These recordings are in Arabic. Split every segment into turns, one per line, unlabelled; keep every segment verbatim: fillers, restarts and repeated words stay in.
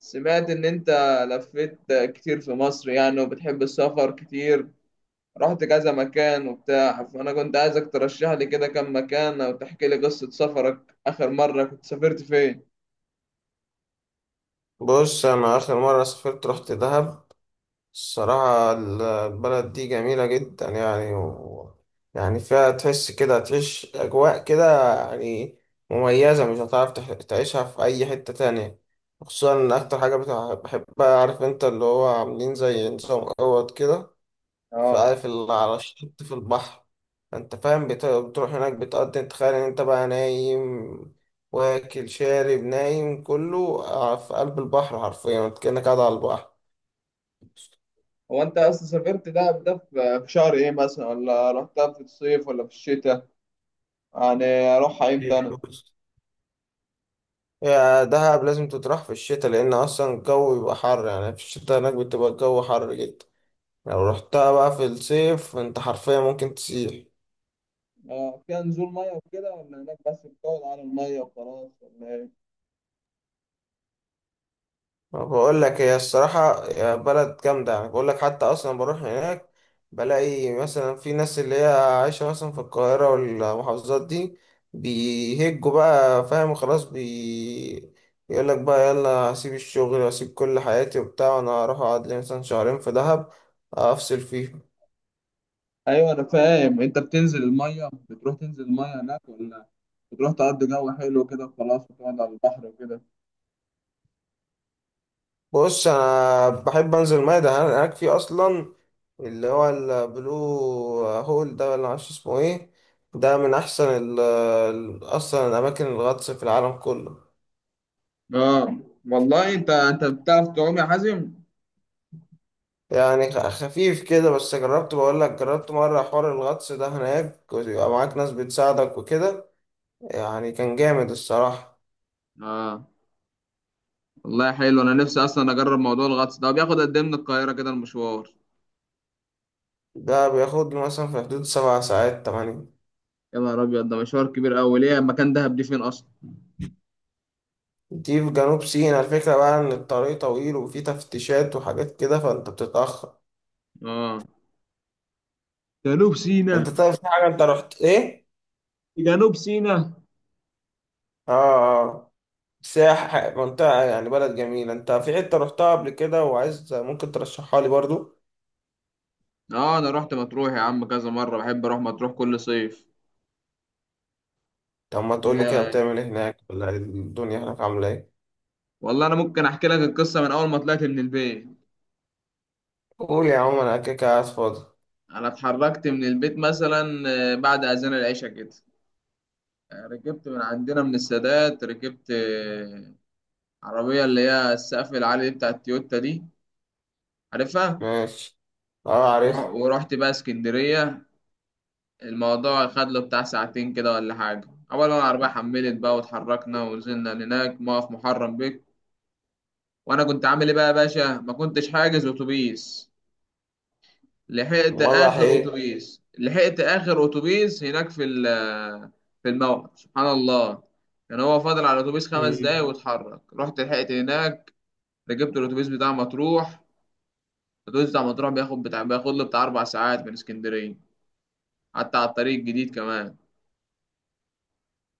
سمعت إن أنت لفيت كتير في مصر، يعني، وبتحب السفر كتير. رحت كذا مكان وبتاع، فأنا كنت عايزك ترشح لي كده كم مكان، أو تحكي لي قصة سفرك. آخر مرة كنت سافرت فين؟
بص، انا اخر مره سافرت، رحت دهب. الصراحه، البلد دي جميله جدا يعني و... يعني فيها تحس كده، تعيش اجواء كده يعني مميزه. مش هتعرف تح- تعيشها في اي حته تانية. خصوصا إن اكتر حاجه بتاع- بحبها، عارف انت اللي هو عاملين زي نظام اوض كده،
آه.
فعارف اللي على الشط في البحر. انت فاهم بت- بتروح هناك بتقضي، تخيل ان انت بقى نايم واكل شارب نايم كله، ع- في قلب البحر حرفيا، انت كأنك قاعد على البحر.
هو أنت أصلا سافرت دهب ده في في شهر إيه مثلا، ولا رحتها في الصيف ولا في الشتاء؟ يعني أروحها إمتى أنا؟
يا دهب لازم تتراح في الشتاء، لأن أصلا الجو بيبقى حر يعني. في الشتاء هناك بتبقى الجو حر جدا. لو رحتها بقى في الصيف، أنت حرفيا ممكن تسيح.
آه. فيها نزول مية وكده، ولا هناك بس بتقعد على المية وخلاص، ولا إيه؟
بقول لك هي الصراحة، يا بلد جامدة يعني. بقول لك حتى أصلا بروح هناك بلاقي مثلا في ناس اللي هي عايشة مثلا في القاهرة والمحافظات دي، بيهجوا بقى، فاهم، خلاص بي يقول لك بقى، يلا أسيب الشغل وأسيب كل حياتي وبتاع، وأنا هروح أقعد لي مثلا شهرين في دهب، أفصل فيه.
ايوه، انا فاهم. انت بتنزل الميه، بتروح تنزل الميه هناك، ولا بتروح تقضي جو حلو كده وخلاص وتقعد على البحر وكده؟
بص، انا بحب انزل ماء. ده هناك في اصلا اللي هو البلو هول ده، ولا معرفش اسمه ايه. ده من احسن ال ال- اصلا الاماكن الغطس في العالم كله.
اه. والله، انت انت بتعرف تعوم يا حازم؟
يعني خ- خفيف كده، بس جربت. بقول لك جربت مره حوار الغطس ده هناك، ويبقى معاك ناس بتساعدك وكده. يعني كان جامد الصراحه.
اه. والله حلو، انا نفسي اصلا اجرب موضوع الغطس ده. بياخد قد ايه من القاهره كده، المشوار؟
ده بياخد له مثلا في حدود سبع ساعات تمانية.
يا نهار ابيض، ده مشوار كبير قوي. ليه، مكان دهب دي فين اصلا؟
دي في جنوب سيناء. الفكرة بقى إن الطريق طويل وفيه تفتيشات وحاجات كده، فأنت بتتأخر.
اه. جنوب
انت
سينا.
طيب، في حاجة انت رحت ايه؟
جنوب سينا.
اه، اه. سياحة منطقة يعني، بلد جميلة انت في حتة رحتها قبل كده وعايز ممكن ترشحها لي برضو.
اه، انا رحت مطروح يا عم كذا مره، بحب اروح مطروح كل صيف.
طب ما تقول لي كده،
ال-
بتعمل ايه هناك، ولا ايه الدنيا هناك عاملة ايه؟
والله، انا ممكن احكي لك القصه من اول ما طلعت من البيت.
قول يا عم، انا كده كده قاعد فاضي.
انا اتحركت من البيت مثلا، آه، بعد اذان العشاء كده. آه، ركبت من عندنا من السادات، ركبت آه، عربيه، اللي هي السقف العالي دي، بتاع التويوتا دي، عارفها.
ماشي. اه
ورح
عارف.
ورحت بقى اسكندريه. الموضوع خد له بتاع ساعتين كده ولا حاجه. اول ما العربيه حملت بقى، واتحركنا، ونزلنا هناك موقف محرم بك. وانا كنت عامل ايه بقى يا باشا؟ ما كنتش حاجز اتوبيس. لحقت
مرة راح
اخر
ايه؟
اتوبيس لحقت اخر اتوبيس هناك في ال- في الموقف، سبحان الله. كان هو فاضل على الاتوبيس خمس
مم.
دقايق واتحرك، رحت لحقت هناك. ركبت الاتوبيس بتاع مطروح. الاتوبيس بتاع مطروح بياخد بتاع بياخد له بتاع اربع ساعات من اسكندريه، حتى على الطريق الجديد كمان.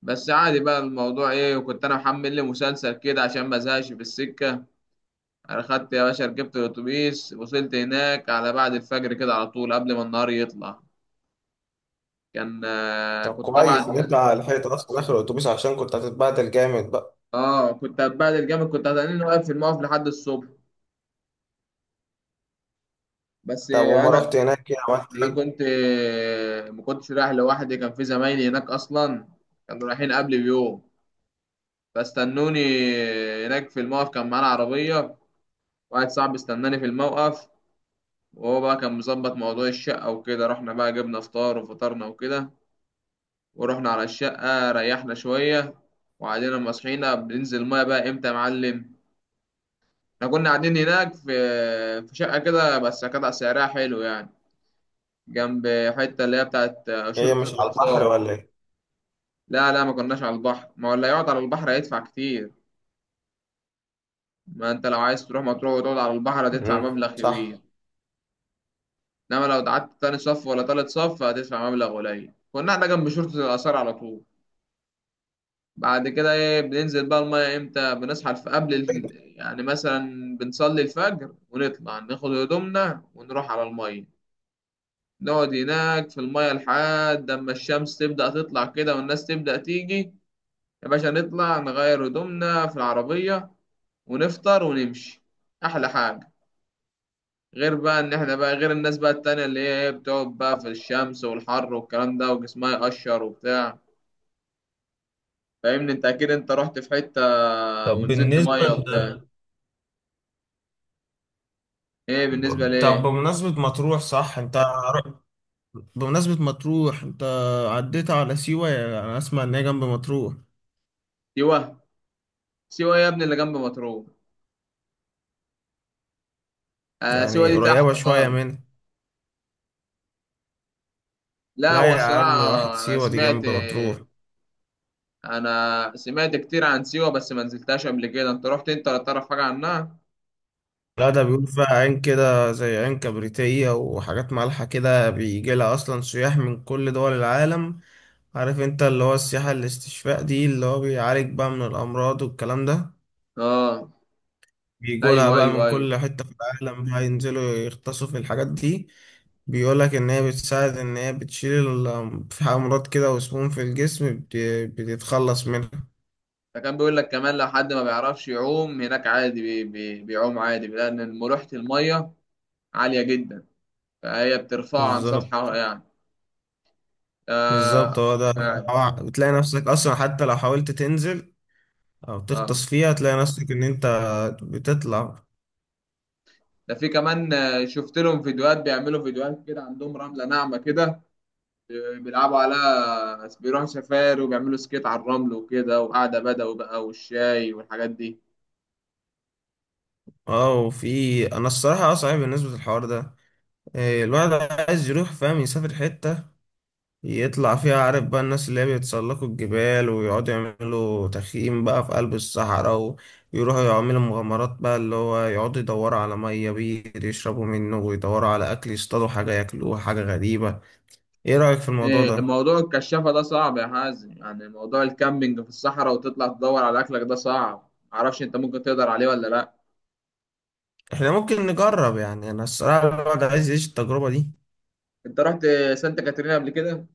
بس عادي بقى الموضوع ايه. وكنت انا محمل لي مسلسل كده عشان ما ازهقش في السكه. انا خدت يا باشا، ركبت الاتوبيس، وصلت هناك على بعد الفجر كده على طول، قبل ما النهار يطلع. كان آه،
طب
كنت
كويس ان
طبعا.
انت لحقت اصلا اخر الاتوبيس، عشان كنت هتتبهدل جامد بقى.
اه، كنت هتبهدل جامد، كنت هتلاقيني واقف في الموقف لحد الصبح. بس
طب وما
انا،
رحت هناك، ايه عملت
انا
ايه؟
كنت ما كنتش رايح لوحدي. كان في زمايلي هناك اصلا، كانوا رايحين قبلي بيوم، فاستنوني هناك في الموقف. كان معانا عربية، واحد صاحبي استناني في الموقف، وهو بقى كان مظبط موضوع الشقة وكده. رحنا بقى جبنا فطار وفطرنا وكده، ورحنا على الشقة ريحنا شوية. وبعدين لما صحينا، بننزل المية بقى امتى يا معلم؟ احنا كنا قاعدين هناك في في شقة كده، بس كانت سعرها حلو يعني، جنب حتة اللي هي بتاعت
هي
شرطة
مش على البحر
الآثار.
ولا ايه؟
لا لا، ما كناش على البحر. ما هو اللي يقعد على البحر هيدفع كتير. ما انت لو عايز تروح مطروح وتقعد على البحر هتدفع
مم.
مبلغ كبير.
صح.
انما لو قعدت تاني صف ولا تالت صف هتدفع مبلغ قليل. كنا احنا جنب شرطة الآثار على طول. بعد كده ايه، بننزل بقى المية امتى؟ بنصحى الف- قبل ال... يعني مثلا بنصلي الفجر، ونطلع ناخد هدومنا ونروح على المية. نقعد هناك في المية لحد اما الشمس تبدأ تطلع كده والناس تبدأ تيجي، يا باشا، نطلع نغير هدومنا في العربية ونفطر ونمشي. أحلى حاجة. غير بقى إن إحنا بقى غير الناس بقى التانية، اللي هي إيه، بتقعد بقى في الشمس والحر والكلام ده وجسمها يقشر وبتاع. فاهمني أنت؟ أكيد أنت رحت في حتة
طب
ونزلت
بالنسبة
مية
ل...
وبتاع. إيه بالنسبة
طب
لإيه؟
بمناسبة مطروح، صح انت، بمناسبة مطروح انت عديت على سيوة، يعني انا اسمع ان هي جنب مطروح.
سيوة. سيوة يا ابني اللي جنب مطروح. آه، سيوة
يعني
دي
قريبة
تحت
شوية
خالص.
منها.
لا، هو
لا يا
الصراحة،
عم واحد،
أنا
سيوة دي
سمعت
جنب مطروح.
أنا سمعت كتير عن سيوة، بس ما نزلتهاش قبل كده. أنت رحت أنت، ولا تعرف حاجة عنها؟
لا، ده بيقول فيها عين كده زي عين كبريتية وحاجات مالحة كده. بيجي لها اصلا سياح من كل دول العالم. عارف انت اللي هو السياحة الاستشفاء دي، اللي هو بيعالج بقى من الامراض والكلام ده.
آه،
بيجولها
ايوه
بقى
ايوه
من
ايوه.
كل حتة في العالم بقى ينزلوا يغطسوا في الحاجات دي. بيقولك إن هي بتساعد، إن هي بتشيل ال- في أمراض كده وسموم في الجسم بت- بتتخلص منها.
فكان بيقول لك كمان، لو حد ما بيعرفش يعوم، هناك عادي، بي بي بيعوم عادي، لان ملوحة المية عالية جدا، فهي بترفعه عن
بالظبط.
سطحها يعني.
بالظبط
آه،
هو ده،
فعلا.
هو بتلاقي نفسك أصلا حتى لو حاولت تنزل أو
اه.
تغطس فيها تلاقي نفسك إن أنت بتطلع.
ده في كمان، آه، شفت لهم فيديوهات، بيعملوا فيديوهات كده. عندهم رملة ناعمة كده، آه، بيلعبوا عليها، بيروحوا سفاري وبيعملوا سكيت على الرمل وكده، وقعدة بدوي بقى، والشاي والحاجات دي.
اه، وفي انا الصراحه اه صعب بالنسبه للحوار ده. إيه، الواحد عايز يروح، فاهم، يسافر حته يطلع فيها، عارف بقى، الناس اللي هي بيتسلقوا الجبال ويقعدوا يعملوا تخييم بقى في قلب الصحراء، ويروحوا يعملوا مغامرات بقى، اللي هو يقعدوا يدوروا على مية بير يشربوا منه، ويدوروا على أكل يصطادوا حاجة ياكلوها، حاجة غريبة. إيه رأيك في الموضوع
إيه،
ده؟
موضوع الكشافة ده صعب يا حازم. يعني موضوع الكامبينج في الصحراء وتطلع تدور على أكلك ده صعب، معرفش أنت ممكن تقدر عليه ولا لأ.
إحنا ممكن نجرب يعني، أنا الصراحة الواحد عايز يعيش التجربة دي.
أنت رحت سانتا كاترينا قبل كده؟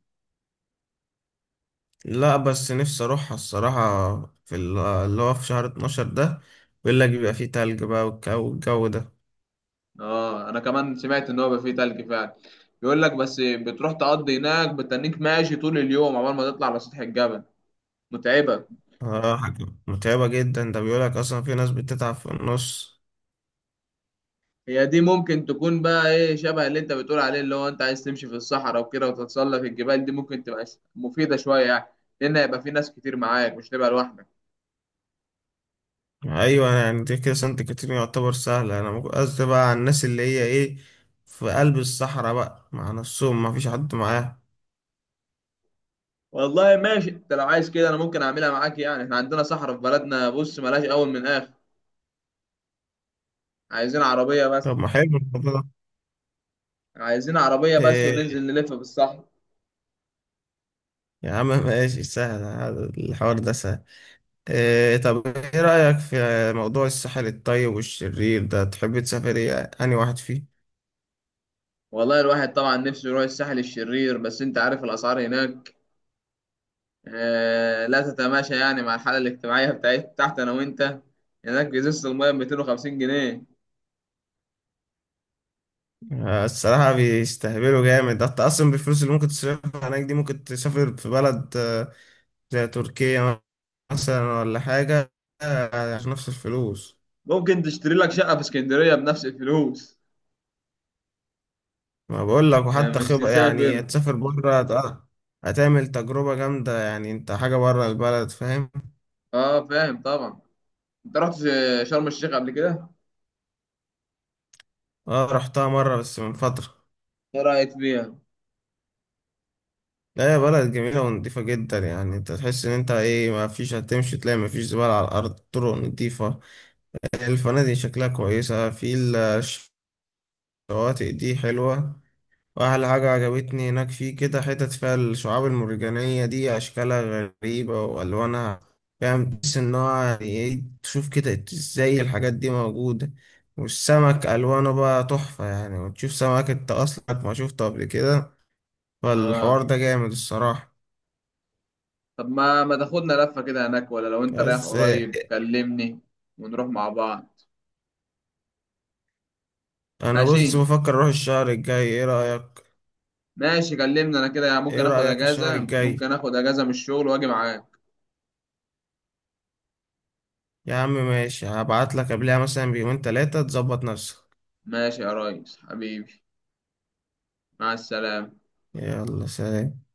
لا، بس نفسي أروحها الصراحة. في ال- اللي هو في شهر اتناشر ده، بيقول لك بيبقى فيه تلج بقى، والجو والجو ده.
آه، أنا كمان سمعت إن هو بقى فيه تلج فعلا. بيقول لك، بس بتروح تقضي هناك بتنيك ماشي طول اليوم عقبال ما تطلع على سطح الجبل، متعبة.
اه، متعبة جدا. ده بيقولك أصلا في ناس بتتعب في النص.
هي دي ممكن تكون بقى إيه شبه اللي أنت بتقول عليه، اللي هو أنت عايز تمشي في الصحراء وكده وتتسلق الجبال، دي ممكن تبقى مفيدة شوية يعني، لأن هيبقى في ناس كتير معاك، مش تبقى لوحدك.
أيوة، أنا يعني دي كده سانت كاترين يعتبر سهلة. أنا ممكن قصدي بقى على الناس اللي هي إيه في قلب الصحراء بقى مع نفسهم، مفيش حد معاهم.
والله ماشي، انت لو عايز كده انا ممكن اعملها معاك. يعني احنا عندنا صحراء في بلدنا، بص ملهاش اول من اخر، عايزين عربية بس.
طب ما حلو الموضوع ده.
عايزين عربية بس،
إيه،
وننزل نلف في الصحراء.
يا عم ماشي، سهل، هذا الحوار ده سهل. إيه، طب إيه رأيك في موضوع الساحل الطيب والشرير ده، تحب تسافر إيه، أنهي واحد فيه؟
والله الواحد طبعا نفسه يروح الساحل الشرير، بس انت عارف الاسعار هناك، آه، لا تتماشى يعني مع الحالة الاجتماعية بتاعت تحت، انا وانت. هناك ازازة المية ب ميتين وخمسين جنيه.
آه، الصراحة بيستهبلوا جامد. ده أنت أصلا بالفلوس اللي ممكن تصرفها هناك دي، ممكن تسافر في بلد آه، زي تركيا مثلا، ولا حاجة آه، عشان نفس الفلوس.
ممكن تشتري لك شقة في اسكندرية بنفس الفلوس.
ما بقول لك،
آه،
وحتى
مش
خبرة يعني
تسافر.
تسافر بره هت- هتعمل تجربة جامدة يعني، انت حاجة بره البلد، فاهم.
اه، فاهم طبعا. انت رحت شرم الشيخ قبل كده.
اه، رحتها مرة بس من فترة.
ايه رأيك فيها؟
لا، هي بلد جميلة ونضيفة جدا يعني. انت تحس ان انت ايه، ما فيش، هتمشي تلاقي ما فيش زبالة على الارض، طرق نضيفة، الفنادق شكلها كويسة، في الشواطئ دي حلوة. واحلى حاجة عجبتني هناك، فيه كده حتت فيها الشعاب المرجانية دي، أشكالها غريبة وألوانها، فاهم، تحس إن هو يعني إيه، تشوف كده إزاي الحاجات دي موجودة. والسمك ألوانه بقى تحفة يعني، وتشوف سمك أنت أصلا ما شفته قبل كده.
اه.
فالحوار ده جامد الصراحة.
طب ما ما تاخدنا لفة كده هناك، ولا لو انت رايح
بس آه،
قريب كلمني ونروح مع بعض.
أنا بص
ماشي.
بفكر أروح الشهر الجاي، إيه رأيك؟
ماشي، كلمني انا كده، يعني
إيه
ممكن اخد
رأيك الشهر
اجازة،
الجاي؟
ممكن اخد اجازة من الشغل واجي معاك.
يا عم ماشي، هبعتلك قبلها مثلا بيومين تلاتة تظبط نفسك.
ماشي يا ريس حبيبي، مع السلامة.
يلا سلام.